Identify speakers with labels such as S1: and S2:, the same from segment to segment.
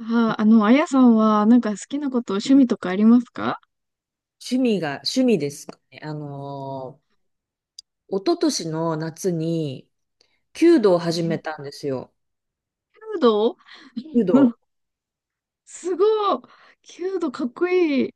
S1: あやさんは、なんか好きなこと、趣味とかありますか？
S2: 趣味が、趣味ですかね。一昨年の夏に、弓道を
S1: う
S2: 始め
S1: ん。
S2: たんですよ。
S1: 弓道。
S2: 弓
S1: う
S2: 道、
S1: ん。 すごい。弓道かっこいい。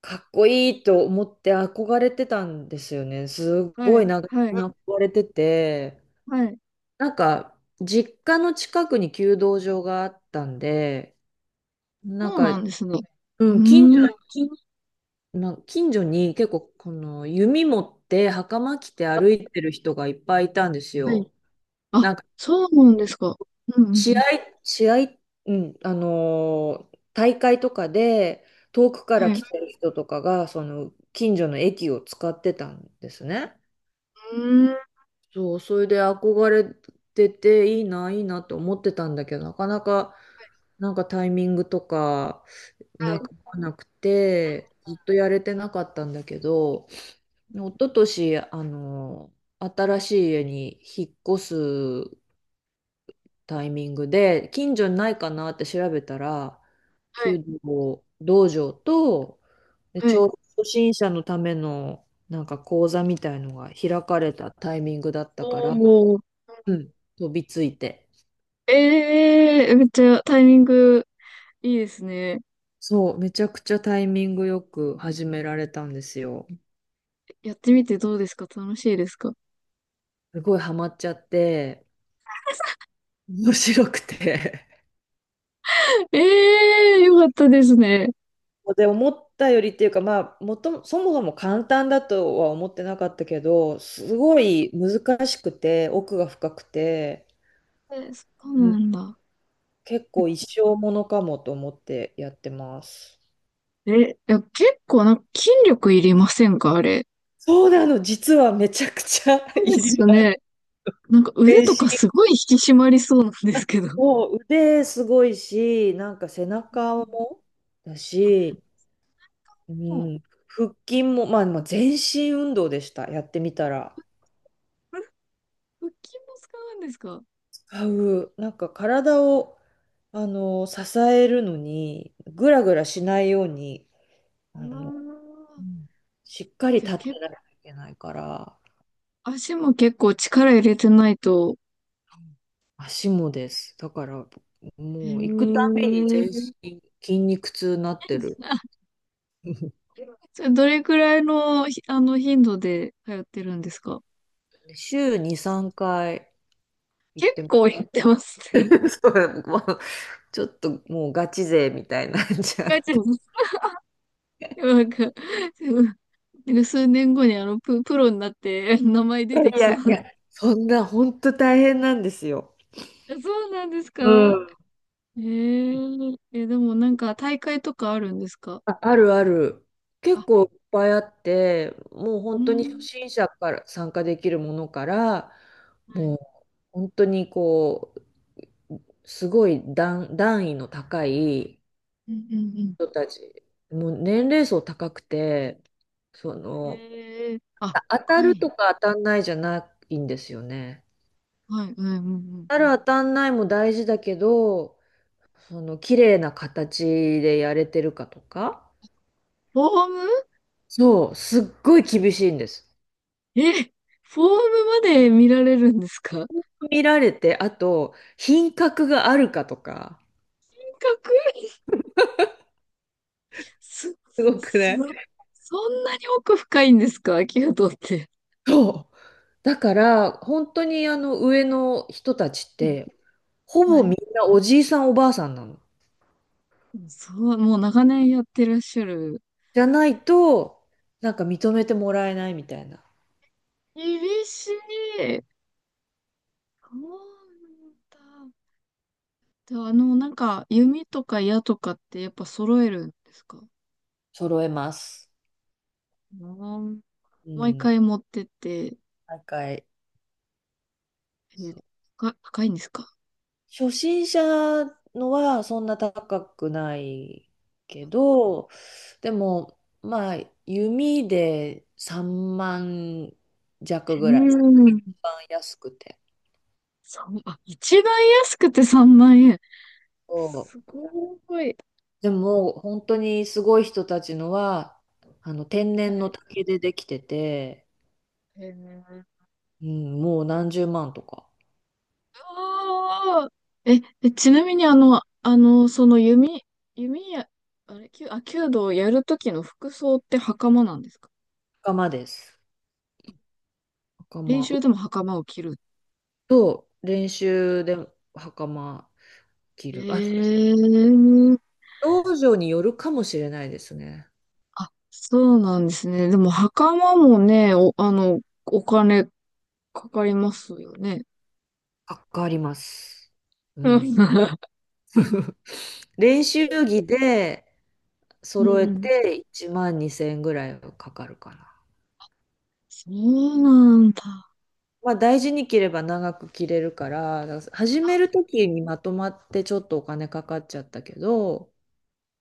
S2: かっこいいと思って憧れてたんですよね。す
S1: は
S2: ごい
S1: い、
S2: 長
S1: はい、
S2: 年憧れてて、
S1: はい。
S2: なんか、実家の近くに弓道場があったんで、な
S1: そ
S2: ん
S1: う
S2: か、
S1: なんですね。
S2: う
S1: う
S2: ん、近所、
S1: ーん。
S2: な近所に結構、この弓持って袴着て歩いてる人がいっぱいいたんです
S1: はい。
S2: よ。
S1: あ、
S2: なんか
S1: そうなんですか？うん、うん、う
S2: 試合、
S1: ん。
S2: 試合、うん、大会とかで遠くか
S1: はい。
S2: ら来
S1: う
S2: てる人とかが、その近所の駅を使ってたんですね。
S1: ーん。
S2: そう、それで憧れてて、いいな、いいなと思ってたんだけど、なかなか、なんかタイミングとか
S1: は
S2: な
S1: い。
S2: くなくて、ずっとやれてなかったんだけど、一昨年、あの新しい家に引っ越すタイミングで、近所にないかなって調べたら、
S1: はい。
S2: 弓道道場と、で、
S1: は
S2: ちょ
S1: い。
S2: うど初心者のためのなんか講座みたいのが開かれたタイミングだったか
S1: お
S2: ら、
S1: ー。
S2: うん、飛びついて。
S1: ええー、めっちゃタイミングいいですね。
S2: そう、めちゃくちゃタイミングよく始められたんですよ。
S1: やってみてどうですか？楽しいですか？
S2: すごいハマっちゃって、面白くて。
S1: ええー、よかったですね。
S2: で、思ったよりっていうか、まあそもそも簡単だとは思ってなかったけど、すごい難しくて奥が深くて、
S1: え、そ
S2: う
S1: うな
S2: ん、
S1: んだ。
S2: 結構一生ものかもと思ってやってます。
S1: え、いや、結構なんか筋力いりませんか、あれ？
S2: そうなの、実はめちゃくちゃ
S1: そう
S2: い
S1: で
S2: り、
S1: すよね。なんか腕
S2: 全
S1: とか
S2: 身、
S1: すごい引き締まりそうなんですけど。
S2: もう腕すごいし、なんか背
S1: う
S2: 中
S1: ん。
S2: もだ
S1: あ、
S2: し、う
S1: もう、
S2: ん、腹筋も、まあ全身運動でした、やってみたら。
S1: これ腹筋も使うんですかあ。
S2: 使う、なんか体を支えるのに、ぐらぐらしないように、あ
S1: あ。
S2: の、うん、しっかり
S1: じゃあ、
S2: 立ってないといけないから、
S1: 足も結構力入れてないと。
S2: 足もです。だから、
S1: へ
S2: もう行くた
S1: え。
S2: めに全身筋肉痛になって る。
S1: あ。 それどれくらいの、ひあの頻度で通ってるんですか？
S2: 週2、3回行っ
S1: 結
S2: てま
S1: 構やってますね。
S2: す。 そう、もうちょっともうガチ勢みたいになっちゃっ
S1: 書いてます。
S2: て。
S1: なんか、なんか、数年後にプロになって名前
S2: い
S1: 出
S2: や
S1: て
S2: い
S1: きそ
S2: や、い
S1: う。
S2: やそんな、本当大変なんですよ。
S1: え、そうなんですか？
S2: うん、
S1: え、でもなんか大会とかあるんですか？
S2: あ、あるある。結
S1: あ、
S2: 構いっぱいあって、もう
S1: う
S2: 本当に初
S1: ん。
S2: 心者から参加できるものから、
S1: は
S2: も
S1: い。
S2: う本当にう、すごい段位の高い
S1: うんうん
S2: 人たち、もう年齢層高くて、そ
S1: うん。
S2: の、
S1: えー、あ、
S2: あ、当
S1: か
S2: た
S1: わい
S2: る
S1: い。
S2: とか当たんないじゃないんですよね。
S1: はい、はい、うんうん。
S2: 当たる当たんないも大事だけど、その綺麗な形でやれてるかとか、
S1: フォーム。
S2: そう、すっごい厳しいんです。
S1: え、フォームまで見られるんですか？かっ
S2: 見られて、あと、品格があるかとか、
S1: こいい。す、
S2: すごく
S1: す、そ
S2: ね。
S1: んなに奥深いんですかアキュって。
S2: そう。だから、本当にあの上の人たちっ
S1: うん。
S2: て、ほ
S1: は
S2: ぼみ
S1: い。
S2: んなおじいさんおばあさんなの。
S1: そう、もう長年やってらっしゃる。
S2: じゃないと、なんか認めてもらえないみたいな。
S1: 厳しい。そうなんだ。では、なんか、弓とか矢とかってやっぱ揃えるんですか？
S2: 揃えます。
S1: うん。
S2: う
S1: 毎
S2: ん。
S1: 回持ってって、
S2: 高い。
S1: え
S2: そう、
S1: か高いんですか？
S2: 初心者のはそんな高くないけど、でも、まあ、弓で3万弱
S1: う
S2: ぐらい。
S1: ーん。
S2: 番安くて。
S1: そう、あ、一番安くて3万円。
S2: そ
S1: すごい。
S2: う、でも本当にすごい人たちのは、あの天
S1: は
S2: 然の
S1: い。
S2: 竹でできてて、
S1: へー
S2: うん、もう何十万とか。
S1: あー。え、え、ちなみにその弓、弓や、あれ、弓あ、弓道をやるときの服装って袴なんですか？
S2: 袴です、
S1: 練
S2: 袴
S1: 習でも袴を着る。
S2: と、練習で袴着る、あ、
S1: ええ。
S2: 道場によるかもしれないですね。
S1: あ、そうなんですね。でも、袴もね、お、あの、お金かかりますよね。
S2: かかります、う
S1: うん。
S2: ん、練習着で
S1: う
S2: 揃え
S1: ん。
S2: て1万2千円ぐらいはかかるかな。
S1: そうなんだ。
S2: まあ、大事に着れば長く着れるから、だから始める時にまとまってちょっとお金かかっちゃったけど、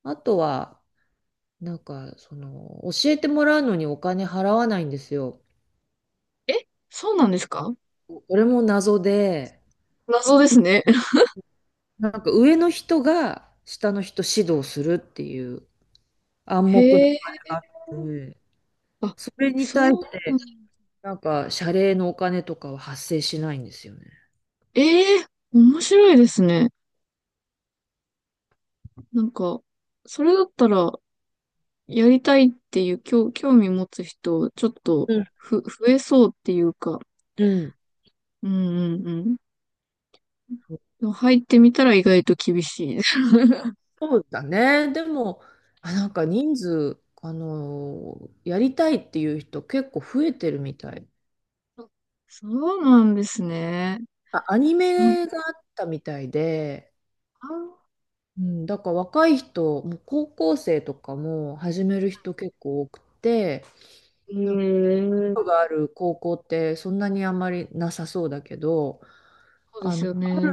S2: あとは、なんか、その、教えてもらうのにお金払わないんですよ。
S1: え、そうなんですか？
S2: これも謎で、
S1: 謎ですね。
S2: なんか上の人が下の人指導するっていう暗黙の
S1: へ
S2: あれがあっ
S1: え。
S2: て、
S1: あ、
S2: それに対し
S1: そうなん
S2: て、
S1: だ。
S2: なんか謝礼のお金とかは発生しないんですよね。
S1: ええ、面白いですね。なんか、それだったら、やりたいっていう、興味持つ人、ちょっと、
S2: うん、
S1: 増えそうっていうか。
S2: うん。
S1: うんうんうん。でも入ってみたら意外と厳しい。
S2: そうだね。でも、あ、なんか人数、やりたいっていう人結構増えてるみたい。
S1: あ、そうなんですね。
S2: あ、アニ
S1: なんか、
S2: メがあったみたいで、うん、だから若い人、もう高校生とかも始める人結構多くて、
S1: え
S2: なんか
S1: ー、
S2: 人がある高校ってそんなにあんまりなさそうだけど、
S1: そうで
S2: あ
S1: す
S2: の、
S1: よね。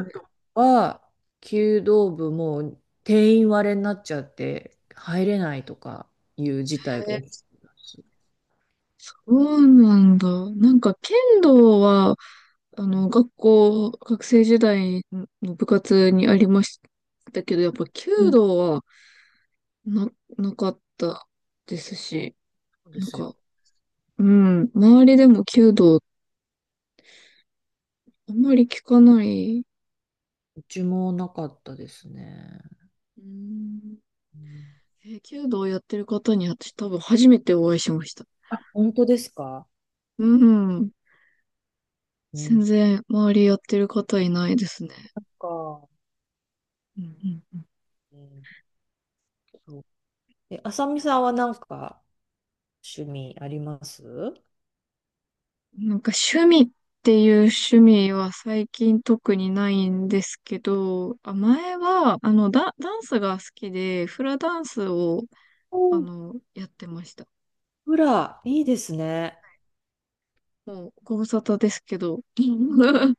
S2: は、弓道部も定員割れになっちゃって入れないとかいう事態が起きてます。
S1: そうなんだ。なんか、剣道は、学生時代の部活にありましたけど、やっぱ、弓道はな、なかったですし、
S2: そうで
S1: なん
S2: すよ。
S1: か、うん、周りでも弓道、あんまり聞かない。
S2: うちもなかったですね。
S1: うん、
S2: うん。
S1: 弓道やってる方に、私多分初めてお会いしました。
S2: あ、本当ですか。
S1: うん。
S2: う
S1: 全
S2: ん
S1: 然周りやってる方いないですね。
S2: か。
S1: うんうん
S2: うん、そう。え、あさみさんはなんか趣味あります？
S1: うん。なんか趣味っていう趣味は最近特にないんですけど、あ、前は、ダンスが好きで、フラダンスを、
S2: お、
S1: やってました。
S2: フラ、いいですね。
S1: もう、ご無沙汰ですけど。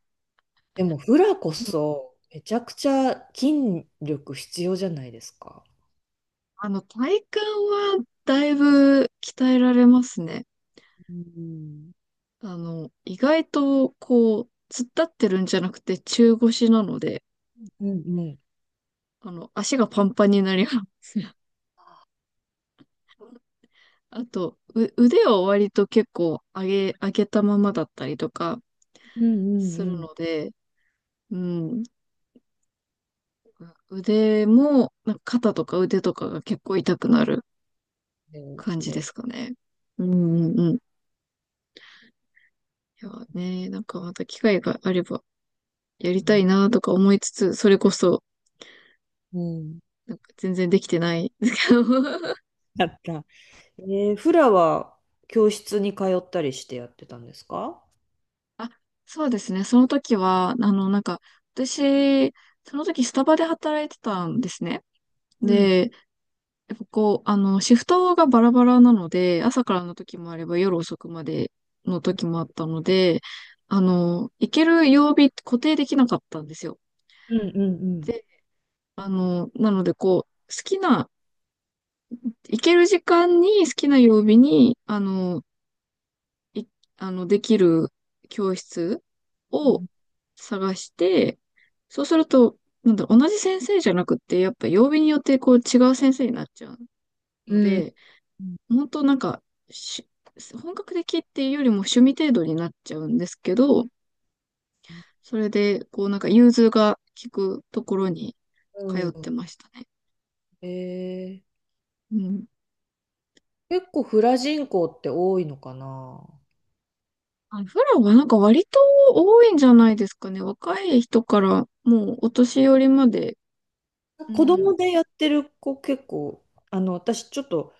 S2: でもフラこそめちゃくちゃ筋力必要じゃないですか。
S1: 体幹はだいぶ鍛えられますね。
S2: うん。
S1: 意外と、こう、突っ立ってるんじゃなくて中腰なので、
S2: うんうん。
S1: 足がパンパンになりますね。あと、腕を割と結構上げたままだったりとか
S2: うんうん
S1: す
S2: う
S1: る
S2: ん。
S1: ので、うん、腕も、なんか肩とか腕とかが結構痛くなる
S2: で、
S1: 感じで
S2: で
S1: すかね。うんうんうん。いやね、なんかまた機会があればやりたいなとか思いつつ、それこそ、
S2: うん。
S1: なんか全然できてないですけど。
S2: だった。えー、フラは教室に通ったりしてやってたんですか？
S1: あ、そうですね。その時は、なんか、私、その時スタバで働いてたんですね。
S2: うん
S1: で、やっぱこう、シフトがバラバラなので、朝からの時もあれば夜遅くまでの
S2: うん
S1: 時もあったので、行ける曜日固定できなかったんですよ。
S2: うん、うん。
S1: で、なのでこう、好きな、行ける時間に好きな曜日に、あの、い、あの、できる教室
S2: う
S1: を
S2: ん。
S1: 探して、そうすると、なんだろう、同じ先生じゃなくって、やっぱ曜日によってこう違う先生になっちゃうので、
S2: うん
S1: 本当なんか、し本格的っていうよりも趣味程度になっちゃうんですけど、それで、こうなんか融通が効くところに
S2: う
S1: 通って
S2: ん。
S1: ましたね。
S2: えー、
S1: うん。
S2: 結構フラ人口って多いのかな？
S1: あ、フラはなんか割と多いんじゃないですかね。若い人からもうお年寄りまで。う
S2: 子
S1: ん。
S2: 供でやってる子結構、あの、私ちょっと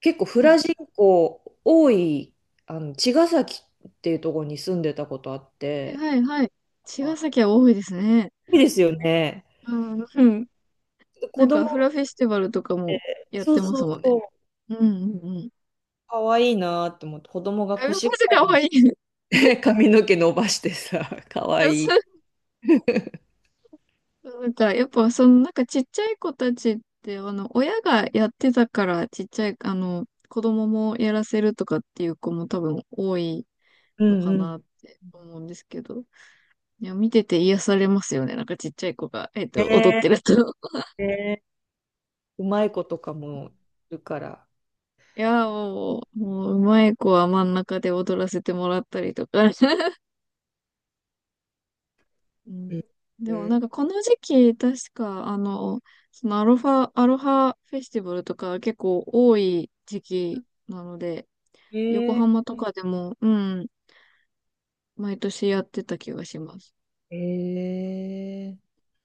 S2: 結構フ
S1: は
S2: ラ
S1: い。
S2: 人口多い、あの、茅ヶ崎っていうところに住んでたことあっ
S1: はい
S2: て、
S1: はいはい。茅ヶ
S2: あ、
S1: 崎は多いですね。
S2: いいですよね。
S1: うん。うん。
S2: 子
S1: なん
S2: 供っ
S1: かフラフェスティバルとかも
S2: て、
S1: やっ
S2: そう
S1: てま
S2: そ
S1: す
S2: う
S1: もんね。
S2: そう、
S1: うんうんうん。
S2: かわいいなと思って、子供 が
S1: あ、マ
S2: 腰が
S1: ジかわいい。
S2: 髪の毛伸ばしてさ、かわいい。
S1: なんか、やっぱ、ちっちゃい子たちって、親がやってたから、ちっちゃい、子供もやらせるとかっていう子も多分多い
S2: う
S1: のか
S2: んうん。
S1: なって思うんですけど、いや、見てて癒されますよね。なんか、ちっちゃい子が、踊っ
S2: ね
S1: てると。
S2: え、ね、うまい子とかもいるから。
S1: いや、もう、うまい子は真ん中で踊らせてもらったりとか。うん、
S2: うん
S1: でも、
S2: う
S1: な
S2: ん、
S1: んか、この時期、確か、アロハフェスティバルとか結構多い時期なので、横
S2: え、
S1: 浜とかでも、うん、毎年やってた気がします。
S2: ええー、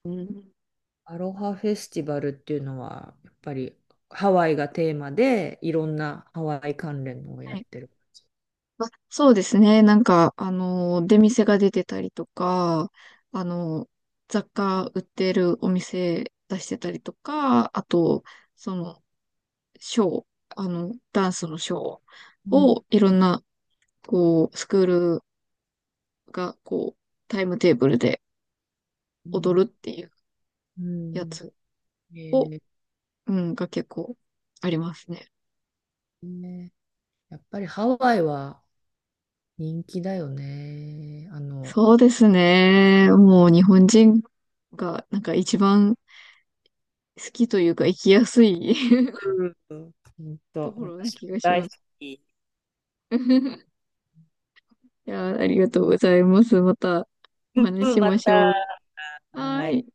S1: うん。
S2: アロハフェスティバルっていうのは、やっぱりハワイがテーマで、いろんなハワイ関連のをや
S1: は
S2: っ
S1: い。
S2: てる感じ。
S1: まあ、そうですね。なんか、出店が出てたりとか、あの、雑貨売ってるお店出してたりとか、あと、その、ショー、あの、ダンスのショー
S2: うん
S1: をいろんな、こう、スクールが、こう、タイムテーブルで
S2: うん
S1: 踊るっていう
S2: う
S1: や
S2: ん。
S1: つ
S2: え
S1: を、
S2: ー、
S1: うん、が結構ありますね。
S2: ね、やっぱりハワイは人気だよね。あの、
S1: そうですね。もう日本人がなんか一番好きというか生きやすい
S2: うん、ほん
S1: と
S2: と、
S1: ころな
S2: 私も
S1: 気がし
S2: 大
S1: ま
S2: 好
S1: す。
S2: き。
S1: いやありがとうございます。またお話し
S2: う
S1: し
S2: ん、ま
S1: まし
S2: た。
S1: ょう。は
S2: はい
S1: い。